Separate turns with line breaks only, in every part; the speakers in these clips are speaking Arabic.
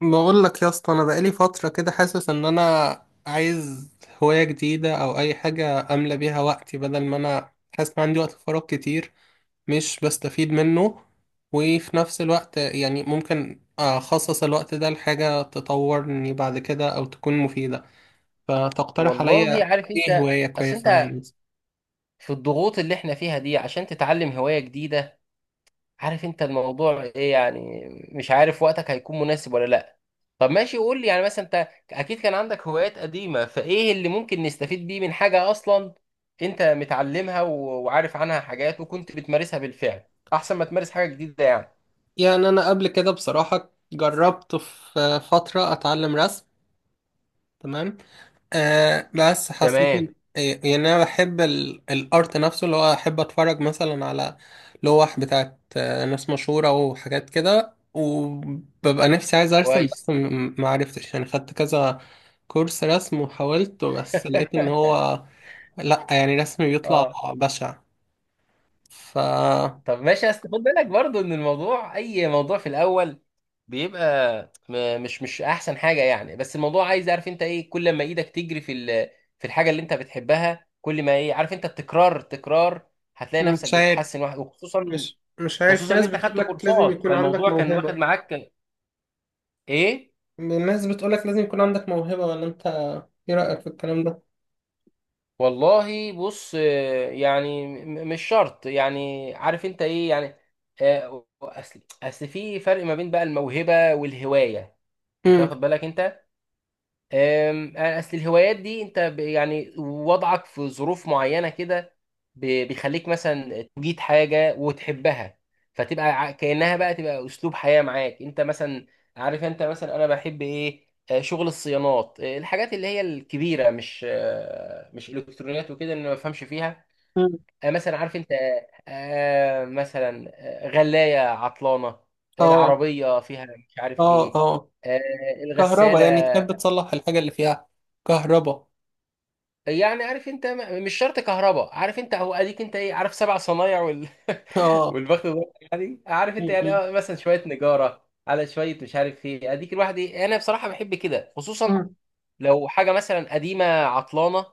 بقول لك يا اسطى، انا بقالي فتره كده حاسس ان انا عايز هوايه جديده او اي حاجه املى بيها وقتي، بدل ما انا حاسس ان عندي وقت فراغ كتير مش بستفيد منه. وفي نفس الوقت يعني ممكن اخصص الوقت ده لحاجه تطورني بعد كده او تكون مفيده. فتقترح
والله
عليا
عارف
ايه
انت.
هوايه
اصل
كويسه
انت
يعني؟
في الضغوط اللي احنا فيها دي، عشان تتعلم هواية جديدة، عارف انت الموضوع ايه، يعني مش عارف وقتك هيكون مناسب ولا لا. طب ماشي، قول لي يعني، مثلا انت اكيد كان عندك هوايات قديمة، فايه اللي ممكن نستفيد بيه من حاجة اصلا انت متعلمها وعارف عنها حاجات وكنت بتمارسها بالفعل، احسن ما تمارس حاجة جديدة يعني.
يعني انا قبل كده بصراحه جربت في فتره اتعلم رسم. تمام. آه، بس حسيت
تمام.
إن- إيه، يعني انا بحب الارت نفسه، اللي هو احب اتفرج مثلا على لوح بتاعت ناس مشهورة وحاجات كده، وببقى نفسي عايز ارسم،
كويس.
بس ما عرفتش. يعني خدت كذا كورس رسم وحاولت، بس لقيت ان هو لا، يعني رسمي بيطلع
اه.
بشع. ف
طب ماشي، بس خد بالك برضو ان الموضوع، اي موضوع في الاول بيبقى مش احسن حاجه يعني، بس الموضوع عايز، عارف انت ايه، كل ما ايدك تجري في في الحاجه اللي انت بتحبها، كل ما ايه، عارف انت، التكرار التكرار، هتلاقي نفسك
مش عارف.
بتتحسن واحد، وخصوصا،
مش عارف،
خصوصا
في
ان
ناس
انت خدت
بتقولك لازم
كورسات،
يكون عندك
فالموضوع كان واخد
موهبة.
معاك ايه.
الناس بتقولك لازم يكون عندك موهبة، ولا انت ايه رأيك في الكلام ده؟
والله بص. يعني مش شرط، يعني عارف انت ايه يعني. اصل في فرق ما بين بقى الموهبه والهوايه، انت
مم.
واخد بالك انت؟ اصل الهوايات دي انت يعني وضعك في ظروف معينه كده بيخليك مثلا تجيد حاجه وتحبها، فتبقى كانها بقى تبقى اسلوب حياه معاك انت مثلا. عارف انت مثلا، انا بحب ايه، شغل الصيانات، الحاجات اللي هي الكبيره، مش مش الكترونيات وكده اللي أنا ما بفهمش فيها. مثلا عارف انت، مثلا غلايه عطلانه،
اه،
العربيه فيها مش عارف
اه،
ايه،
اه.
آه،
كهربا،
الغساله.
يعني تحب تصلح الحاجة اللي فيها كهربا.
يعني عارف انت مش شرط كهرباء، عارف انت، اهو اديك انت ايه، عارف، سبع صنايع وال...
اه.
والبخت ده، يعني عارف انت، يعني
م.
اه مثلا شويه نجاره على شويه مش عارف ايه، اديك الواحد ايه، انا بصراحه بحب كده، خصوصا
مم.
لو حاجه مثلا قديمه عطلانه،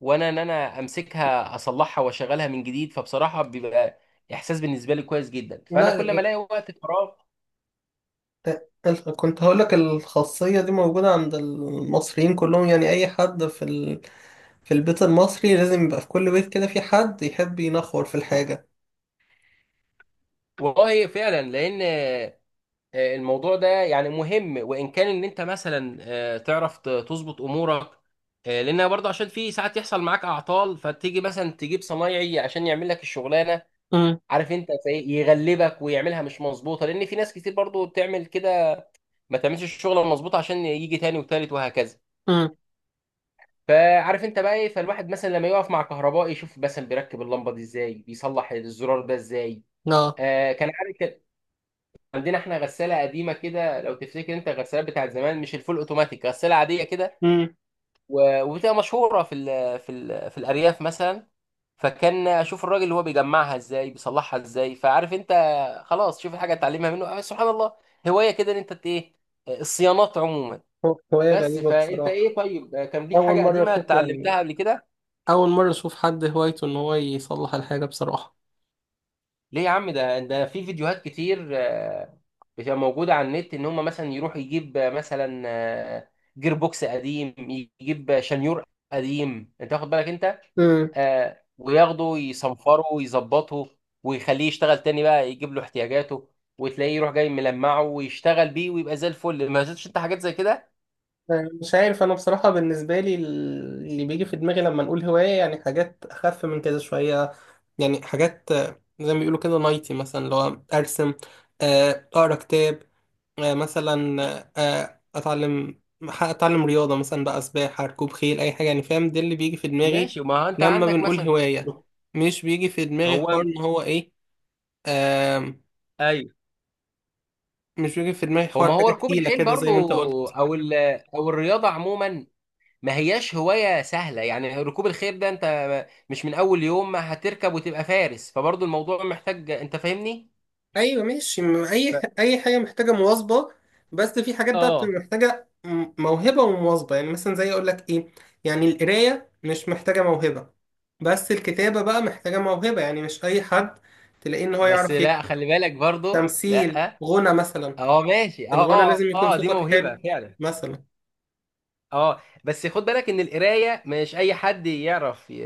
وانا ان انا امسكها اصلحها واشغلها من جديد، فبصراحه بيبقى احساس بالنسبه لي كويس جدا، فانا
لا،
كل ما الاقي وقت فراغ.
كنت هقولك الخاصية دي موجودة عند المصريين كلهم، يعني أي حد في في البيت المصري لازم يبقى في كل بيت كده في حد يحب ينخور في الحاجة.
والله فعلا، لان الموضوع ده يعني مهم، وان كان ان انت مثلا تعرف تظبط امورك، لان برضه عشان في ساعات يحصل معاك اعطال، فتيجي مثلا تجيب صنايعي عشان يعمل لك الشغلانه،
امم.
عارف انت، زي يغلبك ويعملها مش مظبوطه، لان في ناس كتير برضه بتعمل كده، ما تعملش الشغله المظبوطه عشان يجي تاني وتالت وهكذا،
امم.
فعارف انت بقى ايه، فالواحد مثلا لما يقف مع كهربائي يشوف مثلا بيركب اللمبه دي ازاي، بيصلح الزرار ده ازاي.
اه.
آه كان عارف. عندنا احنا غساله قديمه كده، لو تفتكر انت الغسالات بتاعت زمان، مش الفول اوتوماتيك، غساله عاديه كده،
امم.
وبتبقى مشهوره في الارياف مثلا، فكان اشوف الراجل اللي هو بيجمعها ازاي بيصلحها ازاي، فعارف انت، خلاص شوف الحاجه اتعلمها منه. آه سبحان الله، هوايه كده ان انت ايه، الصيانات عموما.
هواية
بس
غريبة
فانت ايه،
بصراحة.
طيب كان ليك
أول
حاجه
مرة
قديمه
أشوف يعني.
اتعلمتها قبل كده؟
أول مرة أشوف حد هوايته إن هو يصلح الحاجة بصراحة.
ليه يا عم، ده في فيديوهات كتير، بتبقى موجودة على النت، إن هم مثلا يروح يجيب مثلا جير بوكس قديم، يجيب شنيور قديم، أنت واخد بالك أنت، وياخده يصنفره ويظبطه، ويخليه يشتغل تاني بقى، يجيب له احتياجاته، وتلاقيه يروح جاي ملمعه ويشتغل بيه ويبقى زي الفل. ما شفتش انت حاجات زي كده؟
مش عارف، انا بصراحة بالنسبة لي اللي بيجي في دماغي لما نقول هواية يعني حاجات اخف من كده شوية. يعني حاجات زي ما بيقولوا كده، نايتي مثلا، اللي هو ارسم، اقرا كتاب، مثلا، اتعلم رياضة، مثلا بقى سباحة، ركوب خيل، اي حاجة. يعني فاهم؟ ده اللي بيجي في دماغي
ماشي، ما هو انت
لما
عندك
بنقول
مثلا.
هواية. مش بيجي في دماغي حوار
هو.
ان هو ايه. آم،
ايوه.
مش بيجي في دماغي
هو
حوار
ما هو
حاجة
ركوب
تقيلة
الخيل
كده زي
برضو،
ما انت قلت.
او ال...، او الرياضه عموما، ما هياش هواية سهلة، يعني ركوب الخيل ده انت مش من اول يوم ما هتركب وتبقى فارس، فبرضه الموضوع محتاج، انت فاهمني.
ايوه ماشي. اي حاجه محتاجه مواظبه، بس في حاجات بقى
اه،
بتبقى محتاجه موهبه ومواظبه. يعني مثلا زي، اقول لك ايه، يعني القرايه مش محتاجه موهبه، بس الكتابه بقى محتاجه موهبه. يعني مش اي حد تلاقيه ان هو
بس
يعرف
لا،
يكتب.
خلي بالك برضه، لا.
تمثيل، غنى مثلا،
اه ماشي،
الغنى
اه
لازم يكون
اه، دي
صوتك
موهبة
حلو
فعلا.
مثلا.
اه، بس خد بالك ان القراية مش اي حد يعرف ي...،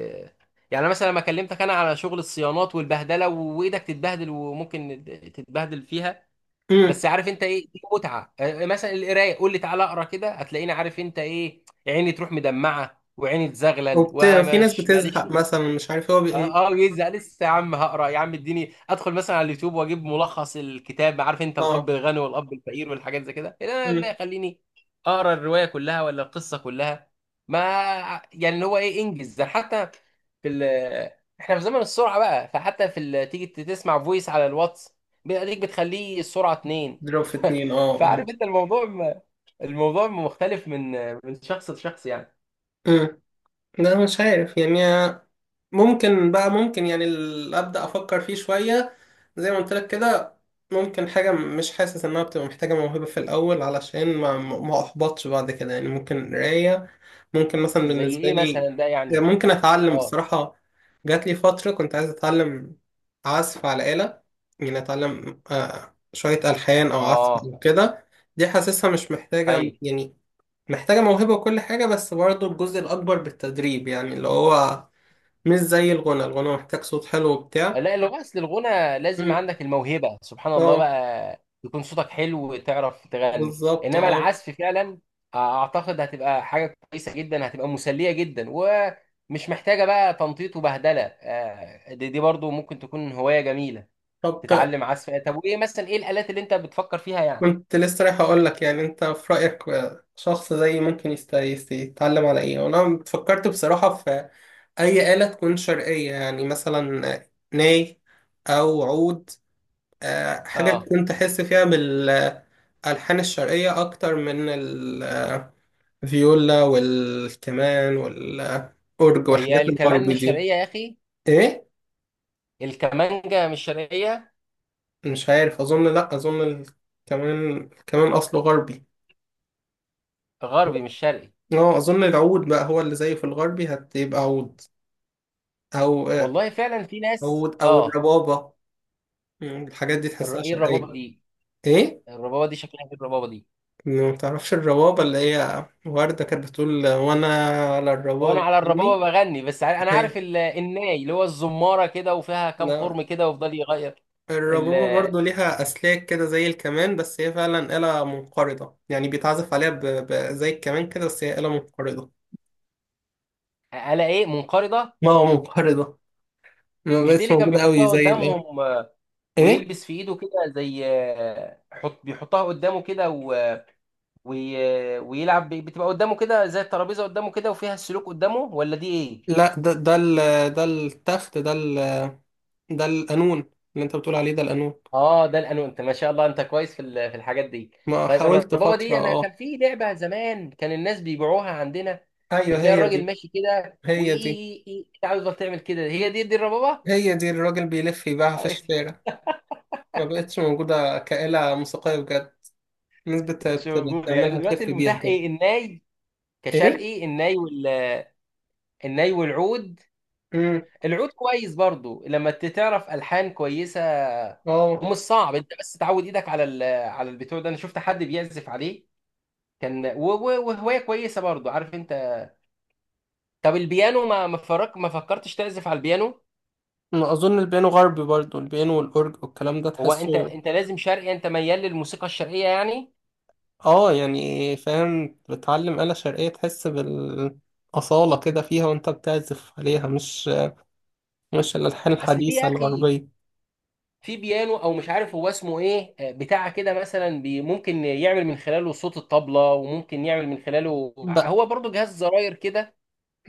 يعني مثلا لما كلمتك انا على شغل الصيانات والبهدلة، وايدك تتبهدل وممكن تتبهدل فيها،
امم.
بس عارف انت ايه، دي متعه. مثلا القرايه، قول لي تعالى اقرا كده، هتلاقيني، عارف انت ايه، عيني تروح مدمعه وعيني تزغلل
في ناس
ومش
بتزهق
ماليش.
مثلا، مش عارف هو
اه، يزهق لسه يا عم، هقرا يا عم، اديني ادخل مثلا على اليوتيوب واجيب ملخص الكتاب، عارف انت، الاب
اه.
الغني والاب الفقير والحاجات زي كده. لا لا،
امم.
يخليني اقرا الروايه كلها ولا القصه كلها، ما، يعني اللي هو ايه، انجز ده حتى في ال، احنا في زمن السرعه بقى، فحتى في ال... تيجي تسمع فويس على الواتس بيديك بتخليه السرعه اتنين.
ضرب في اتنين، اه، اه.
فعارف انت الموضوع الموضوع مختلف من شخص لشخص يعني.
امم. لا، مش عارف يعني. ممكن بقى، ممكن يعني ابدا افكر فيه شويه، زي ما قلت لك كده. ممكن حاجه مش حاسس انها بتبقى محتاجه موهبه في الاول، علشان ما احبطش بعد كده. يعني ممكن قرايه. ممكن مثلا
زي
بالنسبه
ايه
لي،
مثلا ده يعني.
ممكن اتعلم
اه
بصراحه. جات لي فتره كنت عايز اتعلم عزف على آلة. يعني اتعلم شويه الحان او عزف
اه.
وكده. دي حاسسها مش محتاجه،
ايوه.
يعني محتاجه موهبه وكل حاجه، بس برضو الجزء الاكبر بالتدريب. يعني اللي هو مش زي الغنى، الغنى محتاج صوت حلو وبتاع.
لا، اللغة أصل الغنى لازم
مم.
عندك الموهبة، سبحان الله
اه.
بقى، يكون صوتك حلو وتعرف تغني،
بالظبط،
إنما
اه.
العزف فعلا أعتقد هتبقى حاجة كويسة جدا، هتبقى مسلية جدا ومش محتاجة بقى تنطيط وبهدلة، دي برضو ممكن تكون هواية جميلة،
طب ت-
تتعلم عزف. طب وإيه مثلا، إيه الآلات اللي أنت بتفكر فيها يعني؟
كنت لسه رايح اقول لك، يعني انت في رايك شخص زيي ممكن يتعلم على ايه. وانا فكرت بصراحه في اي آلة تكون شرقيه، يعني مثلا ناي او عود، حاجه
آه.
تكون تحس فيها بالالحان الشرقيه اكتر من الفيولا والكمان والاورج والحاجات
هي الكمان
الغربي
مش
دي.
شرقية يا أخي،
ايه؟
الكمانجة مش شرقية.
مش عارف، اظن، لا اظن كمان اصله غربي.
غربي مش شرقي.
اه، اظن العود بقى هو اللي زيه في الغربي هتبقى عود، او
والله فعلا، في ناس
عود او
آه.
الربابة. الحاجات دي تحسها
إيه
شرقية.
الربابة دي؟
ايه؟
الربابه دي شكلها ايه الربابه دي؟
ما تعرفش الربابة اللي هي وردة كانت بتقول: وانا على
وانا
الربابة
على الربابه
مني.
بغني، بس انا عارف
هي.
الناي اللي هو الزماره كده وفيها كام
لا،
خرم كده ويفضل يغير
الربابة
ال-
برضو ليها أسلاك كده زي الكمان، بس هي فعلا آلة منقرضة. يعني بيتعزف عليها زي الكمان كده، بس هي آلة منقرضة.
على ايه منقرضه؟
ما هو منقرضة، ما
مش دي
بقتش
اللي كان
موجودة أوي
بيحطها
زي الأول.
قدامهم،
ايه؟
ويلبس في ايده كده زي، حط بيحطها قدامه كده ويلعب بتبقى قدامه كده زي الترابيزه قدامه كده وفيها السلوك قدامه، ولا دي ايه؟
لا، ده التخت، ده القانون. اللي انت بتقول عليه ده القانون.
اه ده الانو، انت ما شاء الله، انت كويس في في الحاجات دي.
ما
طيب
حاولت
الربابه
فترة،
دي، انا كان
اه.
في لعبه زمان كان الناس بيبيعوها عندنا،
ايوه
بتلاقي
هي
الراجل
دي،
ماشي كده
هي دي،
وايه، إيه، انت عاوز، بس تعمل كده، هي دي الربابه.
هي دي الراجل بيلف يبيعها في
طيب.
الشارع. ما بقتش موجودة كآلة موسيقية بجد. الناس
مش موجوده يعني
بتعملها تلف
دلوقتي؟
بيها
المتاح
كده.
ايه، الناي؟
ايه؟
كشرقي الناي وال، الناي والعود.
امم.
العود كويس برضو لما تعرف الحان كويسه،
اه،
ومش صعب، انت بس تعود ايدك على ال...، على البتوع ده، انا شفت حد بيعزف عليه، كان وهوايه كويسه برضو عارف انت. طب البيانو، ما فرق، ما فكرتش تعزف على البيانو؟
ما اظن البيانو غربي برضو. البيانو والاورج والكلام ده
هو انت
تحسه.
انت لازم شرقي، انت ميال للموسيقى الشرقيه يعني.
اه يعني، فاهم. بتعلم آلة شرقية تحس بالأصالة كده فيها وانت بتعزف عليها، مش الألحان
اصل في
الحديثة
يا اخي،
الغربية.
في بيانو او مش عارف هو اسمه ايه، بتاع كده مثلا، بي ممكن يعمل من خلاله صوت الطبله، وممكن يعمل من خلاله
بقى،
هو برضو جهاز زراير كده.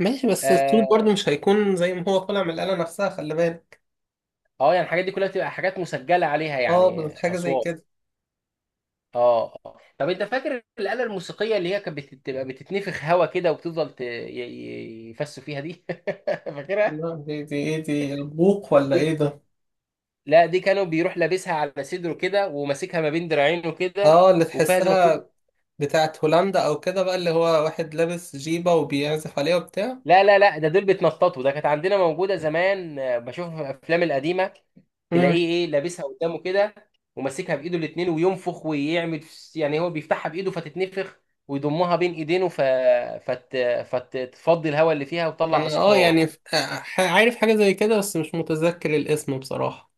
ماشي، بس الصوت
اه،
برضه مش هيكون زي ما هو طالع من الآلة نفسها، خلي بالك.
يعني الحاجات دي كلها بتبقى حاجات مسجله عليها
اه،
يعني
بس حاجة زي
اصوات.
كده.
اه آه. طب انت فاكر الآلة الموسيقية اللي هي كانت بتبقى بتتنفخ هوا كده، وبتفضل يفسوا فيها دي؟ فاكرها؟
لا، دي البوق ولا
دي،
ايه ده؟
لا، دي كانوا بيروح لابسها على صدره كده، وماسكها ما بين دراعينه كده،
اه، اللي
وفيها زي ما كنت.
تحسها بتاعت هولندا او كده بقى، اللي هو واحد لابس جيبة وبيعزف عليها وبتاع.
لا لا لا، ده دول بيتنططوا، ده كانت عندنا موجودة زمان، بشوفها في الأفلام القديمة،
امم.
تلاقيه ايه لابسها قدامه كده، وماسكها بإيده الاتنين وينفخ ويعمل يعني هو بيفتحها بإيده فتتنفخ، ويضمها بين إيدينه فت... فتفضي الهواء اللي فيها وتطلع
انا، اه
أصوات.
يعني، عارف حاجة زي كده، بس مش متذكر الاسم بصراحة.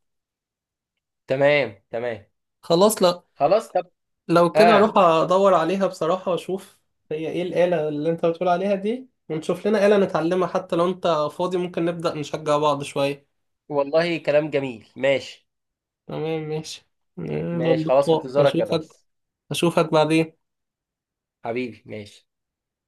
تمام تمام.
خلاص. لا،
خلاص طب.
لو كده اروح
آه.
ادور عليها بصراحة واشوف. هي ايه الآلة اللي انت بتقول عليها دي، ونشوف لنا آلة نتعلمها. حتى لو انت فاضي ممكن نبدأ نشجع بعض شوية.
والله كلام جميل، ماشي.
تمام، ماشي. يلا
ماشي خلاص، في
اللقاء،
انتظارك يا
اشوفك.
ريس.
اشوفك بعدين.
حبيبي، ماشي.